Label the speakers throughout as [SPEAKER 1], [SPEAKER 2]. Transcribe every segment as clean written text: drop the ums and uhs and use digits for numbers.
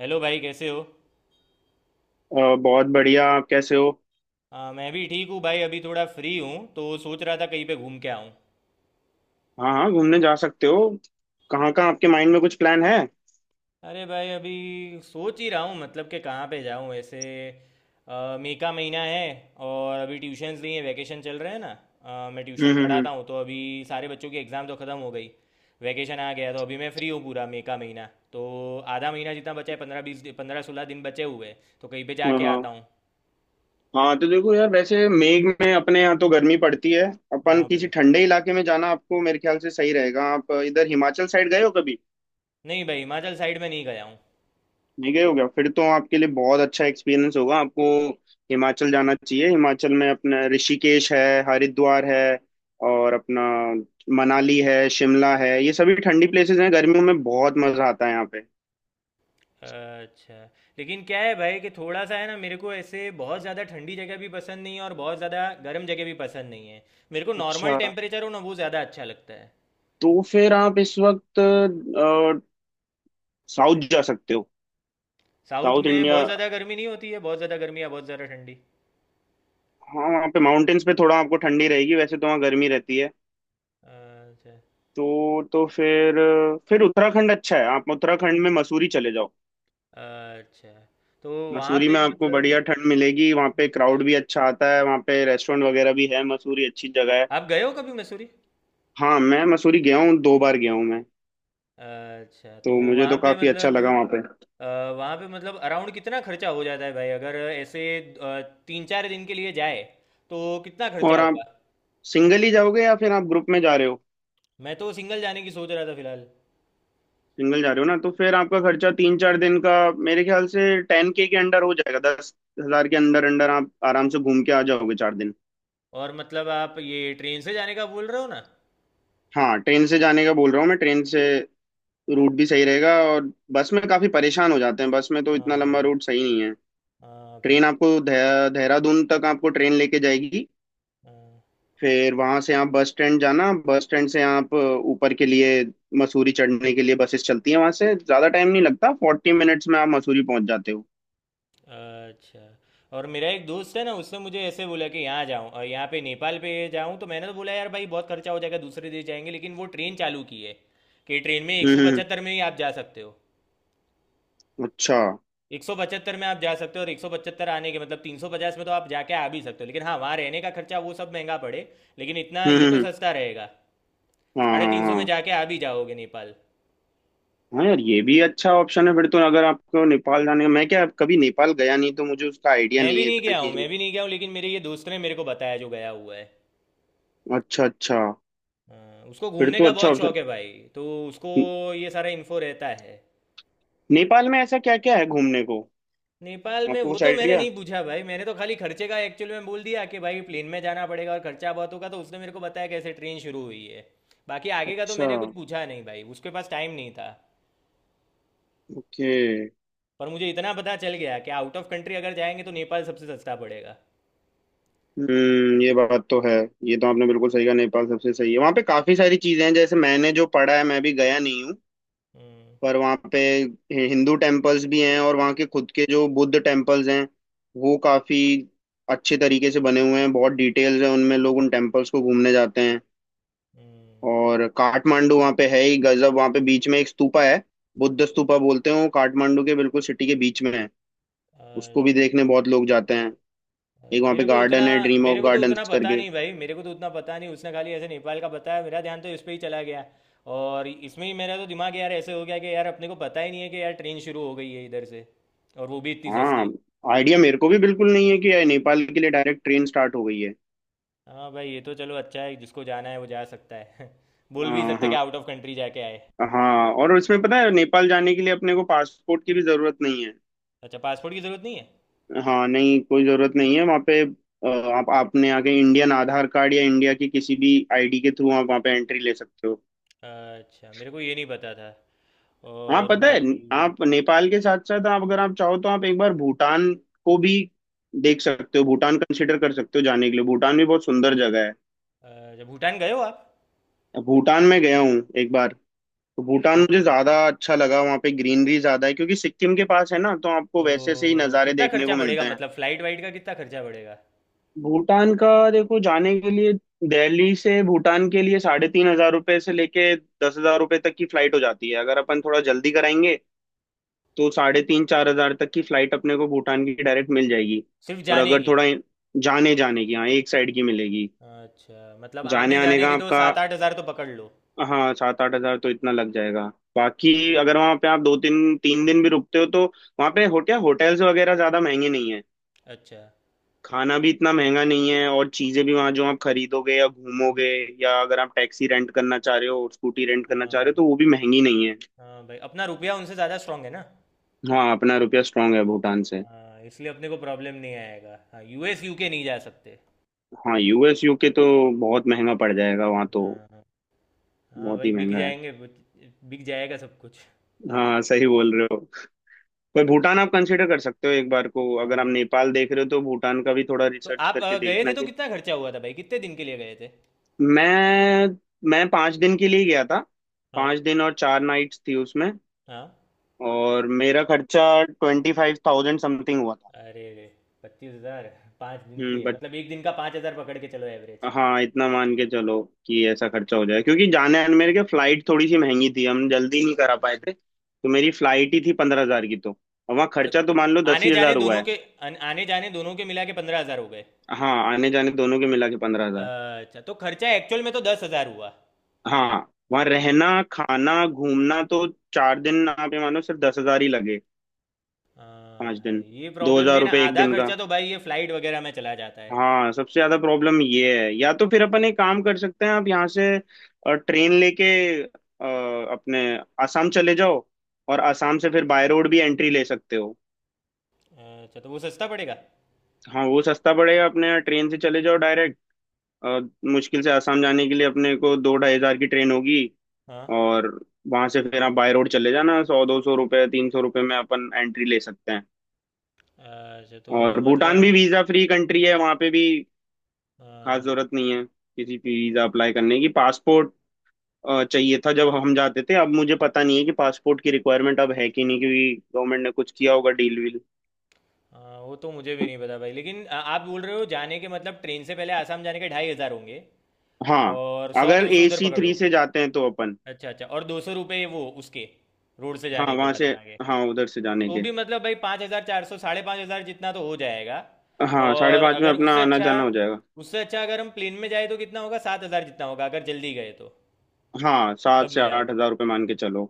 [SPEAKER 1] Hello भाई, कैसे हो।
[SPEAKER 2] बहुत बढ़िया। आप कैसे हो?
[SPEAKER 1] हाँ, मैं भी ठीक हूँ भाई। अभी थोड़ा फ्री हूँ तो सोच रहा था कहीं पे घूम के आऊँ।
[SPEAKER 2] हाँ, हाँ, घूमने जा सकते हो। कहाँ कहाँ आपके माइंड में कुछ प्लान है?
[SPEAKER 1] अरे भाई, अभी सोच ही रहा हूँ मतलब कि कहाँ पे जाऊँ ऐसे। मई का महीना है। और अभी ट्यूशन्स नहीं है, वैकेशन चल रहे हैं ना। मैं
[SPEAKER 2] हम्म,
[SPEAKER 1] ट्यूशन
[SPEAKER 2] हम्म, हम्म।
[SPEAKER 1] पढ़ाता हूँ तो अभी सारे बच्चों की एग्ज़ाम तो ख़त्म हो गई। वैकेशन आ गया तो अभी मैं फ्री हूँ पूरा मई का महीना। तो आधा महीना जितना बचा है, 15 20 15 16 दिन बचे हुए हैं तो कहीं पे
[SPEAKER 2] हाँ,
[SPEAKER 1] जाके
[SPEAKER 2] हाँ,
[SPEAKER 1] आता हूँ।
[SPEAKER 2] हाँ, तो देखो यार, वैसे मेघ में अपने यहाँ तो गर्मी पड़ती है। अपन
[SPEAKER 1] हाँ
[SPEAKER 2] किसी
[SPEAKER 1] भाई।
[SPEAKER 2] ठंडे इलाके में जाना आपको मेरे ख्याल से सही रहेगा। आप इधर हिमाचल साइड गए हो कभी?
[SPEAKER 1] नहीं भाई, हिमाचल साइड में नहीं गया हूँ।
[SPEAKER 2] नहीं गए हो क्या? फिर तो आपके लिए बहुत अच्छा एक्सपीरियंस होगा। आपको हिमाचल जाना चाहिए। हिमाचल में अपना ऋषिकेश है, हरिद्वार है, और अपना मनाली है, शिमला है। ये सभी ठंडी प्लेसेस हैं, गर्मियों में बहुत मजा आता है यहाँ पे।
[SPEAKER 1] अच्छा। लेकिन क्या है भाई कि थोड़ा सा है ना, मेरे को ऐसे बहुत ज़्यादा ठंडी जगह भी पसंद नहीं है और बहुत ज़्यादा गर्म जगह भी पसंद नहीं है। मेरे को नॉर्मल
[SPEAKER 2] अच्छा,
[SPEAKER 1] टेम्परेचर हो ना, वो ज़्यादा अच्छा लगता है।
[SPEAKER 2] तो फिर आप इस वक्त साउथ जा सकते हो।
[SPEAKER 1] साउथ
[SPEAKER 2] साउथ
[SPEAKER 1] में
[SPEAKER 2] इंडिया।
[SPEAKER 1] बहुत ज़्यादा गर्मी नहीं होती है, बहुत ज़्यादा गर्मी या बहुत ज़्यादा ठंडी।
[SPEAKER 2] हाँ, वहाँ पे माउंटेन्स पे थोड़ा आपको ठंडी रहेगी, वैसे तो वहाँ गर्मी रहती है।
[SPEAKER 1] अच्छा।
[SPEAKER 2] तो फिर उत्तराखंड अच्छा है। आप उत्तराखंड में मसूरी चले जाओ।
[SPEAKER 1] अच्छा, तो वहाँ
[SPEAKER 2] मसूरी
[SPEAKER 1] पे
[SPEAKER 2] में आपको बढ़िया
[SPEAKER 1] मतलब।
[SPEAKER 2] ठंड मिलेगी, वहाँ पे क्राउड भी अच्छा आता है, वहाँ पे रेस्टोरेंट वगैरह भी है। मसूरी अच्छी जगह है।
[SPEAKER 1] आप गए हो कभी मसूरी?
[SPEAKER 2] हाँ, मैं मसूरी गया हूँ, दो बार गया हूँ मैं।
[SPEAKER 1] अच्छा, तो
[SPEAKER 2] तो मुझे
[SPEAKER 1] वहाँ
[SPEAKER 2] तो
[SPEAKER 1] पे
[SPEAKER 2] काफी अच्छा
[SPEAKER 1] मतलब
[SPEAKER 2] लगा वहाँ पे।
[SPEAKER 1] अ, वहाँ पे मतलब अराउंड कितना खर्चा हो जाता है भाई अगर ऐसे अ, 3-4 दिन के लिए जाए तो कितना खर्चा
[SPEAKER 2] और आप
[SPEAKER 1] होगा?
[SPEAKER 2] सिंगल ही जाओगे, या फिर आप ग्रुप में जा रहे हो?
[SPEAKER 1] मैं तो सिंगल जाने की सोच रहा था फिलहाल।
[SPEAKER 2] सिंगल जा रहे हो ना, तो फिर आपका खर्चा 3-4 दिन का मेरे ख्याल से 10 के अंडर हो जाएगा। 10,000 के अंदर अंडर आप आराम से घूम के आ जाओगे 4 दिन।
[SPEAKER 1] और मतलब आप ये ट्रेन से जाने का बोल रहे हो ना?
[SPEAKER 2] हाँ, ट्रेन से जाने का बोल रहा हूँ मैं, ट्रेन से। रूट भी सही रहेगा, और बस में काफी परेशान हो जाते हैं, बस में तो
[SPEAKER 1] हाँ
[SPEAKER 2] इतना लंबा
[SPEAKER 1] भाई।
[SPEAKER 2] रूट सही नहीं है।
[SPEAKER 1] हाँ
[SPEAKER 2] ट्रेन
[SPEAKER 1] भाई।
[SPEAKER 2] आपको देहरादून तक आपको ट्रेन लेके जाएगी।
[SPEAKER 1] हाँ।
[SPEAKER 2] फिर वहां से आप बस स्टैंड जाना, बस स्टैंड से आप ऊपर के लिए, मसूरी चढ़ने के लिए बसेस चलती हैं। वहां से ज्यादा टाइम नहीं लगता, 40 मिनट्स में आप मसूरी पहुंच जाते हो।
[SPEAKER 1] अच्छा। और मेरा एक दोस्त है ना, उसने मुझे ऐसे बोला कि यहाँ जाऊँ और यहाँ पे नेपाल पे जाऊँ, तो मैंने तो बोला यार भाई बहुत खर्चा हो जाएगा, दूसरे देश जाएंगे, लेकिन वो ट्रेन चालू की है। कि ट्रेन में एक
[SPEAKER 2] हम्म,
[SPEAKER 1] सौ पचहत्तर में ही आप जा सकते हो।
[SPEAKER 2] अच्छा।
[SPEAKER 1] 175 में आप जा सकते हो और 175 आने के मतलब 350 में तो आप जाके आ भी सकते हो, लेकिन हाँ, वहाँ रहने का खर्चा वो सब महंगा पड़े। लेकिन इतना
[SPEAKER 2] हम्म,
[SPEAKER 1] ये तो
[SPEAKER 2] हम्म।
[SPEAKER 1] सस्ता रहेगा।
[SPEAKER 2] हाँ,
[SPEAKER 1] साढ़े
[SPEAKER 2] हाँ,
[SPEAKER 1] तीन सौ में
[SPEAKER 2] हाँ।
[SPEAKER 1] जाके आ भी जाओगे नेपाल।
[SPEAKER 2] हाँ यार, ये भी अच्छा ऑप्शन है फिर तो। अगर आपको नेपाल जाने का, मैं क्या, कभी नेपाल गया नहीं, तो मुझे उसका आइडिया नहीं है इतना कि।
[SPEAKER 1] मैं भी नहीं गया हूँ, लेकिन मेरे ये दोस्त ने मेरे को बताया जो गया हुआ है।
[SPEAKER 2] अच्छा, अच्छा।
[SPEAKER 1] हाँ, उसको
[SPEAKER 2] फिर
[SPEAKER 1] घूमने
[SPEAKER 2] तो
[SPEAKER 1] का
[SPEAKER 2] अच्छा
[SPEAKER 1] बहुत
[SPEAKER 2] ऑप्शन।
[SPEAKER 1] शौक है भाई, तो उसको
[SPEAKER 2] न-
[SPEAKER 1] ये सारा इन्फो रहता है।
[SPEAKER 2] नेपाल में ऐसा क्या क्या है घूमने को?
[SPEAKER 1] नेपाल में
[SPEAKER 2] आपको
[SPEAKER 1] वो
[SPEAKER 2] कुछ
[SPEAKER 1] तो मैंने
[SPEAKER 2] आइडिया?
[SPEAKER 1] नहीं पूछा भाई, मैंने तो खाली खर्चे का एक्चुअली में बोल दिया कि भाई प्लेन में जाना पड़ेगा और खर्चा बहुत होगा, तो उसने मेरे को बताया कैसे ट्रेन शुरू हुई है। बाकी आगे का तो
[SPEAKER 2] अच्छा।
[SPEAKER 1] मैंने कुछ पूछा नहीं भाई, उसके पास टाइम नहीं था।
[SPEAKER 2] ओके।
[SPEAKER 1] पर मुझे इतना पता चल गया कि आउट ऑफ कंट्री अगर जाएंगे तो नेपाल सबसे सस्ता पड़ेगा।
[SPEAKER 2] हम्म, ये बात तो है। ये तो आपने बिल्कुल सही कहा, नेपाल सबसे सही है। वहाँ पे काफी सारी चीजें हैं, जैसे मैंने जो पढ़ा है, मैं भी गया नहीं हूँ,
[SPEAKER 1] हम्म।
[SPEAKER 2] पर वहाँ पे हिंदू टेम्पल्स भी हैं, और वहाँ के खुद के जो बुद्ध टेम्पल्स हैं, वो काफी अच्छे तरीके से बने हुए हैं, बहुत डिटेल्स हैं उनमें, लोग उन टेम्पल्स को घूमने जाते हैं।
[SPEAKER 1] हम्म।
[SPEAKER 2] और काठमांडू वहाँ पे है ही गजब। वहाँ पे बीच में एक स्तूपा है, बुद्ध स्तूपा बोलते हैं, वो काठमांडू के बिल्कुल सिटी के बीच में है। उसको भी
[SPEAKER 1] अच्छा।
[SPEAKER 2] देखने बहुत लोग जाते हैं। एक
[SPEAKER 1] अच्छा,
[SPEAKER 2] वहाँ पे
[SPEAKER 1] मेरे को उतना
[SPEAKER 2] गार्डन है, ड्रीम ऑफ
[SPEAKER 1] मेरे को तो उतना
[SPEAKER 2] गार्डन्स
[SPEAKER 1] पता
[SPEAKER 2] करके।
[SPEAKER 1] नहीं भाई, मेरे को तो उतना पता नहीं, उसने खाली ऐसे नेपाल का बताया, मेरा ध्यान तो इस पे ही चला गया। और इसमें ही मेरा तो दिमाग यार ऐसे हो गया कि यार अपने को पता ही नहीं है कि यार ट्रेन शुरू हो गई है इधर से। और वो भी इतनी
[SPEAKER 2] हाँ,
[SPEAKER 1] सस्ती।
[SPEAKER 2] आइडिया मेरे को भी बिल्कुल नहीं है कि नेपाल के लिए डायरेक्ट ट्रेन स्टार्ट हो गई है।
[SPEAKER 1] हाँ भाई, ये तो चलो अच्छा है, जिसको जाना है वो जा सकता है बोल भी
[SPEAKER 2] हाँ,
[SPEAKER 1] सकता है कि
[SPEAKER 2] हाँ,
[SPEAKER 1] आउट ऑफ कंट्री जाके आए।
[SPEAKER 2] हाँ, और उसमें पता है, नेपाल जाने के लिए अपने को पासपोर्ट की भी जरूरत नहीं है।
[SPEAKER 1] अच्छा, पासपोर्ट की ज़रूरत नहीं
[SPEAKER 2] हाँ, नहीं कोई जरूरत नहीं है। वहाँ पे आप आपने आके इंडियन आधार कार्ड या इंडिया की किसी भी ID के थ्रू आप वहाँ पे एंट्री ले सकते हो।
[SPEAKER 1] है? अच्छा, मेरे को ये नहीं पता था।
[SPEAKER 2] हाँ,
[SPEAKER 1] और
[SPEAKER 2] पता है।
[SPEAKER 1] बाकी
[SPEAKER 2] आप नेपाल के साथ साथ, आप अगर आप चाहो तो आप एक बार भूटान को भी देख सकते हो। भूटान कंसिडर कर सकते हो जाने के लिए, भूटान भी बहुत सुंदर जगह है।
[SPEAKER 1] अच्छा, भूटान गए हो आप?
[SPEAKER 2] भूटान में गया हूँ एक बार। तो भूटान
[SPEAKER 1] तो
[SPEAKER 2] मुझे ज्यादा अच्छा लगा, वहाँ पे ग्रीनरी ज्यादा है, क्योंकि सिक्किम के पास है ना, तो आपको वैसे से ही
[SPEAKER 1] तो
[SPEAKER 2] नज़ारे
[SPEAKER 1] कितना
[SPEAKER 2] देखने को
[SPEAKER 1] खर्चा पड़ेगा
[SPEAKER 2] मिलते हैं।
[SPEAKER 1] मतलब फ्लाइट वाइट का कितना खर्चा पड़ेगा?
[SPEAKER 2] भूटान का देखो, जाने के लिए दिल्ली से भूटान के लिए ₹3,500 से लेके ₹10,000 तक की फ्लाइट हो जाती है। अगर अपन थोड़ा जल्दी कराएंगे, तो साढ़े तीन चार हजार तक की फ्लाइट अपने को भूटान की डायरेक्ट मिल जाएगी।
[SPEAKER 1] सिर्फ
[SPEAKER 2] और
[SPEAKER 1] जाने
[SPEAKER 2] अगर
[SPEAKER 1] की?
[SPEAKER 2] थोड़ा, जाने जाने की, हाँ, एक साइड की मिलेगी।
[SPEAKER 1] अच्छा, मतलब
[SPEAKER 2] जाने
[SPEAKER 1] आने
[SPEAKER 2] आने
[SPEAKER 1] जाने
[SPEAKER 2] का
[SPEAKER 1] के तो
[SPEAKER 2] आपका,
[SPEAKER 1] 7-8 हज़ार तो पकड़ लो।
[SPEAKER 2] हाँ, 7-8 हजार तो इतना लग जाएगा। बाकी अगर वहाँ पे आप दो तीन तीन दिन भी रुकते हो, तो वहाँ पे होटल्स वगैरह ज्यादा महंगे नहीं है।
[SPEAKER 1] अच्छा।
[SPEAKER 2] खाना भी इतना महंगा नहीं है, और चीजें भी वहां जो आप खरीदोगे या घूमोगे, या अगर आप टैक्सी रेंट करना चाह रहे हो और स्कूटी रेंट करना
[SPEAKER 1] हाँ
[SPEAKER 2] चाह रहे हो,
[SPEAKER 1] भाई।
[SPEAKER 2] तो वो भी महंगी नहीं है।
[SPEAKER 1] हाँ भाई, अपना रुपया उनसे ज़्यादा स्ट्रांग है ना।
[SPEAKER 2] हाँ, अपना रुपया स्ट्रांग है भूटान से।
[SPEAKER 1] हाँ, इसलिए अपने को प्रॉब्लम नहीं आएगा। हाँ, यूएस यूके नहीं जा सकते।
[SPEAKER 2] हाँ, US UK तो बहुत महंगा पड़ जाएगा वहां तो।
[SPEAKER 1] हाँ। हाँ। हाँ
[SPEAKER 2] बहुत
[SPEAKER 1] भाई,
[SPEAKER 2] ही
[SPEAKER 1] बिक
[SPEAKER 2] महंगा है।
[SPEAKER 1] जाएंगे। बिक जाएगा सब कुछ।
[SPEAKER 2] हाँ, सही बोल रहे हो। पर भूटान आप कंसिडर कर सकते हो एक बार को, अगर आप
[SPEAKER 1] हाँ
[SPEAKER 2] नेपाल देख रहे हो तो भूटान का भी थोड़ा
[SPEAKER 1] तो
[SPEAKER 2] रिसर्च
[SPEAKER 1] आप
[SPEAKER 2] करके
[SPEAKER 1] गए थे
[SPEAKER 2] देखना
[SPEAKER 1] तो
[SPEAKER 2] कि।
[SPEAKER 1] कितना खर्चा हुआ था भाई, कितने दिन के लिए गए थे?
[SPEAKER 2] मैं मैं 5 दिन के लिए गया था।
[SPEAKER 1] हाँ।
[SPEAKER 2] 5 दिन और 4 नाइट्स थी उसमें।
[SPEAKER 1] हाँ।
[SPEAKER 2] और मेरा खर्चा 25,000 समथिंग हुआ था।
[SPEAKER 1] अरे रे! 25,000? 5 दिन
[SPEAKER 2] हम्म,
[SPEAKER 1] के
[SPEAKER 2] बट।
[SPEAKER 1] मतलब एक दिन का 5,000 पकड़ के चलो।
[SPEAKER 2] हाँ, इतना मान के चलो कि ऐसा खर्चा हो जाए, क्योंकि जाने आने मेरे के फ्लाइट थोड़ी सी महंगी थी, हम जल्दी नहीं करा पाए थे,
[SPEAKER 1] एवरेज।
[SPEAKER 2] तो मेरी फ्लाइट ही थी 15,000 की तो। और वहाँ
[SPEAKER 1] मतलब
[SPEAKER 2] खर्चा तो मान लो दस
[SPEAKER 1] आने
[SPEAKER 2] ही
[SPEAKER 1] जाने
[SPEAKER 2] हजार हुआ
[SPEAKER 1] दोनों
[SPEAKER 2] है।
[SPEAKER 1] के आने जाने दोनों के मिला के 15,000 हो गए?
[SPEAKER 2] हाँ, आने जाने दोनों के मिला के 15,000।
[SPEAKER 1] अच्छा, तो खर्चा एक्चुअल में तो 10,000 हुआ।
[SPEAKER 2] हाँ, वहाँ रहना खाना घूमना तो 4 दिन आप ये मानो सिर्फ 10,000 ही लगे।
[SPEAKER 1] हाँ
[SPEAKER 2] 5 दिन,
[SPEAKER 1] भाई, ये
[SPEAKER 2] दो
[SPEAKER 1] प्रॉब्लम भी
[SPEAKER 2] हजार
[SPEAKER 1] है ना,
[SPEAKER 2] रुपये एक
[SPEAKER 1] आधा
[SPEAKER 2] दिन का।
[SPEAKER 1] खर्चा तो भाई ये फ्लाइट वगैरह में चला जाता है।
[SPEAKER 2] हाँ, सबसे ज्यादा प्रॉब्लम ये है। या तो फिर अपन एक काम कर सकते हैं, आप यहाँ से ट्रेन लेके अ, अपने आसाम चले जाओ, और आसाम से फिर बाय रोड भी एंट्री ले सकते हो।
[SPEAKER 1] अच्छा, तो वो सस्ता पड़ेगा।
[SPEAKER 2] हाँ, वो सस्ता पड़ेगा, अपने ट्रेन से चले जाओ डायरेक्ट। अ, मुश्किल से आसाम जाने के लिए अपने को दो ढाई हजार की ट्रेन होगी।
[SPEAKER 1] हाँ।
[SPEAKER 2] और वहां से फिर आप बाय रोड चले जाना, सौ दो सौ रुपये, ₹300 में अपन एंट्री ले सकते हैं।
[SPEAKER 1] अच्छा तो
[SPEAKER 2] और भूटान भी
[SPEAKER 1] मतलब
[SPEAKER 2] वीजा फ्री कंट्री है वहां पे भी। खास
[SPEAKER 1] हाँ।
[SPEAKER 2] जरूरत नहीं है किसी की वीजा अप्लाई करने की। पासपोर्ट चाहिए था जब हम जाते थे, अब मुझे पता नहीं है कि पासपोर्ट की रिक्वायरमेंट अब है कि नहीं, क्योंकि गवर्नमेंट ने कुछ किया होगा डील वील।
[SPEAKER 1] हाँ, वो तो मुझे भी नहीं पता भाई, लेकिन आप बोल रहे हो जाने के मतलब ट्रेन से पहले आसाम जाने के 2,500 होंगे।
[SPEAKER 2] हाँ,
[SPEAKER 1] और सौ
[SPEAKER 2] अगर
[SPEAKER 1] दो सौ उधर
[SPEAKER 2] एसी
[SPEAKER 1] पकड़
[SPEAKER 2] थ्री
[SPEAKER 1] लो।
[SPEAKER 2] से जाते हैं तो अपन।
[SPEAKER 1] अच्छा। अच्छा, और 200 रुपये वो उसके रोड से
[SPEAKER 2] हाँ,
[SPEAKER 1] जाने के
[SPEAKER 2] वहां
[SPEAKER 1] बाद
[SPEAKER 2] से।
[SPEAKER 1] में आगे।
[SPEAKER 2] हाँ, उधर से जाने
[SPEAKER 1] तो
[SPEAKER 2] के।
[SPEAKER 1] भी मतलब भाई 5,400 5,500 जितना तो हो जाएगा।
[SPEAKER 2] हाँ, साढ़े
[SPEAKER 1] और
[SPEAKER 2] पाँच में
[SPEAKER 1] अगर उससे
[SPEAKER 2] अपना आना
[SPEAKER 1] अच्छा
[SPEAKER 2] जाना हो जाएगा।
[SPEAKER 1] उससे अच्छा अगर हम प्लेन में जाए तो कितना होगा, 7,000 जितना होगा अगर जल्दी गए तो?
[SPEAKER 2] हाँ, सात
[SPEAKER 1] सब
[SPEAKER 2] से
[SPEAKER 1] मिला
[SPEAKER 2] आठ
[SPEAKER 1] के।
[SPEAKER 2] हजार रुपये मान के चलो।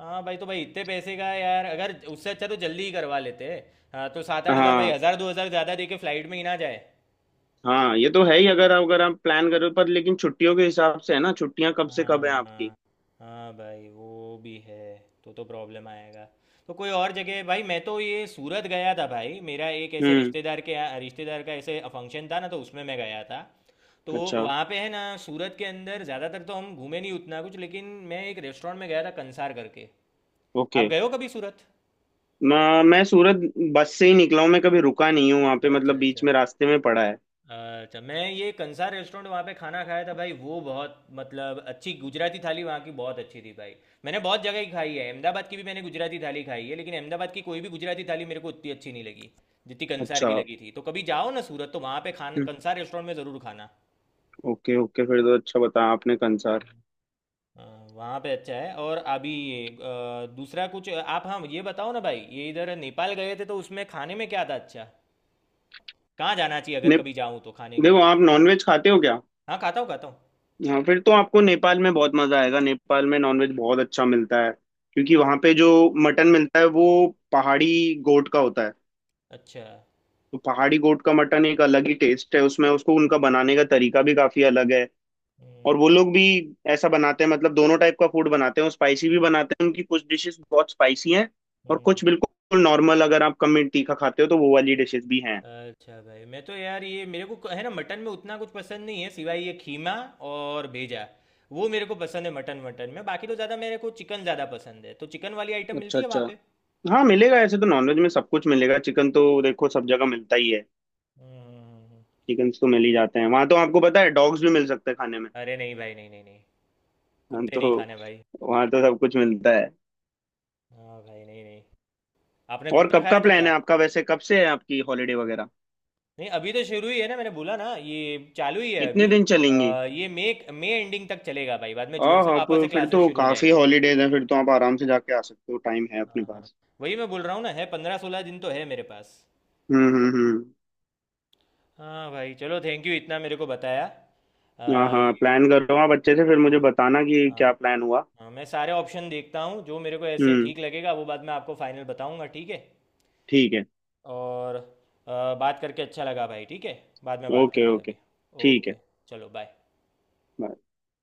[SPEAKER 1] हाँ भाई, तो भाई इतने पैसे का यार अगर उससे अच्छा तो जल्दी ही करवा लेते। हाँ तो 7-8 हज़ार भाई,
[SPEAKER 2] हाँ,
[SPEAKER 1] 1-2 हज़ार ज़्यादा दे के फ्लाइट में ही ना जाए।
[SPEAKER 2] हाँ, ये तो है ही। अगर अगर आप प्लान करो पर, लेकिन छुट्टियों के हिसाब से है ना, छुट्टियां कब से कब है आपकी?
[SPEAKER 1] हाँ। हाँ भाई, वो भी है। तो प्रॉब्लम आएगा। तो कोई और जगह भाई, मैं तो ये सूरत गया था भाई, मेरा एक ऐसे
[SPEAKER 2] हम्म,
[SPEAKER 1] रिश्तेदार के यहाँ, रिश्तेदार का ऐसे फंक्शन था ना, तो उसमें मैं गया था। तो
[SPEAKER 2] अच्छा,
[SPEAKER 1] वहाँ पे है ना सूरत के अंदर ज़्यादातर तो हम घूमे नहीं उतना कुछ, लेकिन मैं एक रेस्टोरेंट में गया था कंसार करके।
[SPEAKER 2] ओके।
[SPEAKER 1] आप गए हो कभी सूरत?
[SPEAKER 2] मैं सूरत बस से ही निकला हूँ, मैं कभी रुका नहीं हूँ वहां पे,
[SPEAKER 1] अच्छा।
[SPEAKER 2] मतलब बीच
[SPEAKER 1] अच्छा।
[SPEAKER 2] में रास्ते में पड़ा है।
[SPEAKER 1] अच्छा, मैं ये कंसार रेस्टोरेंट वहाँ पे खाना खाया था भाई, वो बहुत मतलब अच्छी, गुजराती थाली वहाँ की बहुत अच्छी थी भाई। मैंने बहुत जगह की खाई है, अहमदाबाद की भी मैंने गुजराती थाली खाई है, लेकिन अहमदाबाद की कोई भी गुजराती थाली मेरे को उतनी अच्छी नहीं लगी जितनी कंसार
[SPEAKER 2] अच्छा।
[SPEAKER 1] की लगी थी। तो कभी जाओ ना सूरत तो वहाँ पे खाना
[SPEAKER 2] हम्म,
[SPEAKER 1] कंसार रेस्टोरेंट में ज़रूर खाना।
[SPEAKER 2] Okay, okay. फिर तो अच्छा बताया आपने कंसार।
[SPEAKER 1] हाँ, वहाँ पे अच्छा है। और अभी ये दूसरा कुछ आप, हाँ ये बताओ ना भाई, ये इधर नेपाल गए थे तो उसमें खाने में क्या था अच्छा कहाँ जाना चाहिए अगर
[SPEAKER 2] ने,
[SPEAKER 1] कभी जाऊँ तो खाने के
[SPEAKER 2] देखो
[SPEAKER 1] लिए?
[SPEAKER 2] आप नॉनवेज खाते हो क्या?
[SPEAKER 1] हाँ, खाता हूँ, खाता हूँ।
[SPEAKER 2] हाँ, फिर तो आपको नेपाल में बहुत मजा आएगा, नेपाल में नॉनवेज बहुत अच्छा मिलता है, क्योंकि वहाँ पे जो मटन मिलता है वो पहाड़ी गोट का होता है।
[SPEAKER 1] अच्छा।
[SPEAKER 2] तो पहाड़ी गोट का मटन एक अलग ही टेस्ट है उसमें, उसको उनका बनाने का तरीका भी काफी अलग है।
[SPEAKER 1] हम्म।
[SPEAKER 2] और वो लोग भी ऐसा बनाते हैं, मतलब दोनों टाइप का फूड बनाते हैं। वो स्पाइसी भी
[SPEAKER 1] हम्म।
[SPEAKER 2] बनाते हैं, उनकी कुछ डिशेस बहुत स्पाइसी हैं। और
[SPEAKER 1] हम्म।
[SPEAKER 2] कुछ बिल्कुल नॉर्मल, अगर आप कम मिर्च तीखा खाते हो तो वो वाली डिशेस भी हैं।
[SPEAKER 1] अच्छा भाई, मैं तो यार ये मेरे को है ना मटन में उतना कुछ पसंद नहीं है सिवाय ये खीमा और भेजा। वो मेरे को पसंद है, मटन मटन में बाकी तो ज़्यादा मेरे को चिकन ज़्यादा पसंद है, तो चिकन वाली आइटम
[SPEAKER 2] अच्छा,
[SPEAKER 1] मिलती है
[SPEAKER 2] अच्छा।
[SPEAKER 1] वहाँ पे?
[SPEAKER 2] हाँ, मिलेगा, ऐसे तो नॉनवेज में सब कुछ मिलेगा, चिकन तो देखो सब जगह मिलता ही है।
[SPEAKER 1] हम्म। हम्म। हम्म। हम्म।
[SPEAKER 2] चिकन तो मिल ही जाते हैं। वहां तो आपको पता है डॉग्स भी मिल सकते हैं खाने में।
[SPEAKER 1] अरे नहीं भाई, नहीं, नहीं, नहीं।
[SPEAKER 2] हाँ,
[SPEAKER 1] कुत्ते
[SPEAKER 2] तो
[SPEAKER 1] नहीं खाने भाई।
[SPEAKER 2] वहां तो सब कुछ मिलता है।
[SPEAKER 1] हाँ भाई, नहीं, नहीं। आपने
[SPEAKER 2] और
[SPEAKER 1] कुत्ता
[SPEAKER 2] कब का
[SPEAKER 1] खाया था
[SPEAKER 2] प्लान
[SPEAKER 1] क्या?
[SPEAKER 2] है आपका? वैसे कब से है आपकी हॉलीडे वगैरह?
[SPEAKER 1] नहीं, अभी तो शुरू ही है ना, मैंने बोला ना ये चालू ही है
[SPEAKER 2] कितने
[SPEAKER 1] अभी।
[SPEAKER 2] दिन चलेंगी?
[SPEAKER 1] ये मई मई एंडिंग तक चलेगा भाई, बाद में जून
[SPEAKER 2] हाँ,
[SPEAKER 1] से
[SPEAKER 2] हाँ,
[SPEAKER 1] वापस
[SPEAKER 2] तो
[SPEAKER 1] से
[SPEAKER 2] फिर
[SPEAKER 1] क्लासेस
[SPEAKER 2] तो
[SPEAKER 1] शुरू हो
[SPEAKER 2] काफी
[SPEAKER 1] जाएंगे।
[SPEAKER 2] हॉलीडेज हैं, फिर तो आप आराम से जाके आ सकते हो, टाइम है अपने
[SPEAKER 1] हाँ। हाँ।
[SPEAKER 2] पास।
[SPEAKER 1] वही मैं बोल रहा हूँ ना, है 15-16 दिन तो है मेरे पास।
[SPEAKER 2] हम्म, हम्म, हम्म।
[SPEAKER 1] हाँ भाई, चलो, थैंक यू इतना मेरे को बताया
[SPEAKER 2] हाँ, हाँ,
[SPEAKER 1] ये।
[SPEAKER 2] प्लान कर रहा हूँ, आप अच्छे से फिर
[SPEAKER 1] हाँ।
[SPEAKER 2] मुझे बताना कि क्या
[SPEAKER 1] हाँ।
[SPEAKER 2] प्लान हुआ।
[SPEAKER 1] हाँ, मैं सारे ऑप्शन देखता हूँ, जो मेरे को ऐसे
[SPEAKER 2] हम्म,
[SPEAKER 1] ठीक लगेगा वो बाद में आपको फाइनल बताऊँगा, ठीक है?
[SPEAKER 2] ठीक है।
[SPEAKER 1] और बात करके अच्छा लगा भाई, ठीक है। बाद में बात
[SPEAKER 2] ओके,
[SPEAKER 1] करते हैं
[SPEAKER 2] ओके,
[SPEAKER 1] अभी।
[SPEAKER 2] ठीक है।
[SPEAKER 1] ओके। चलो, बाय।
[SPEAKER 2] bye।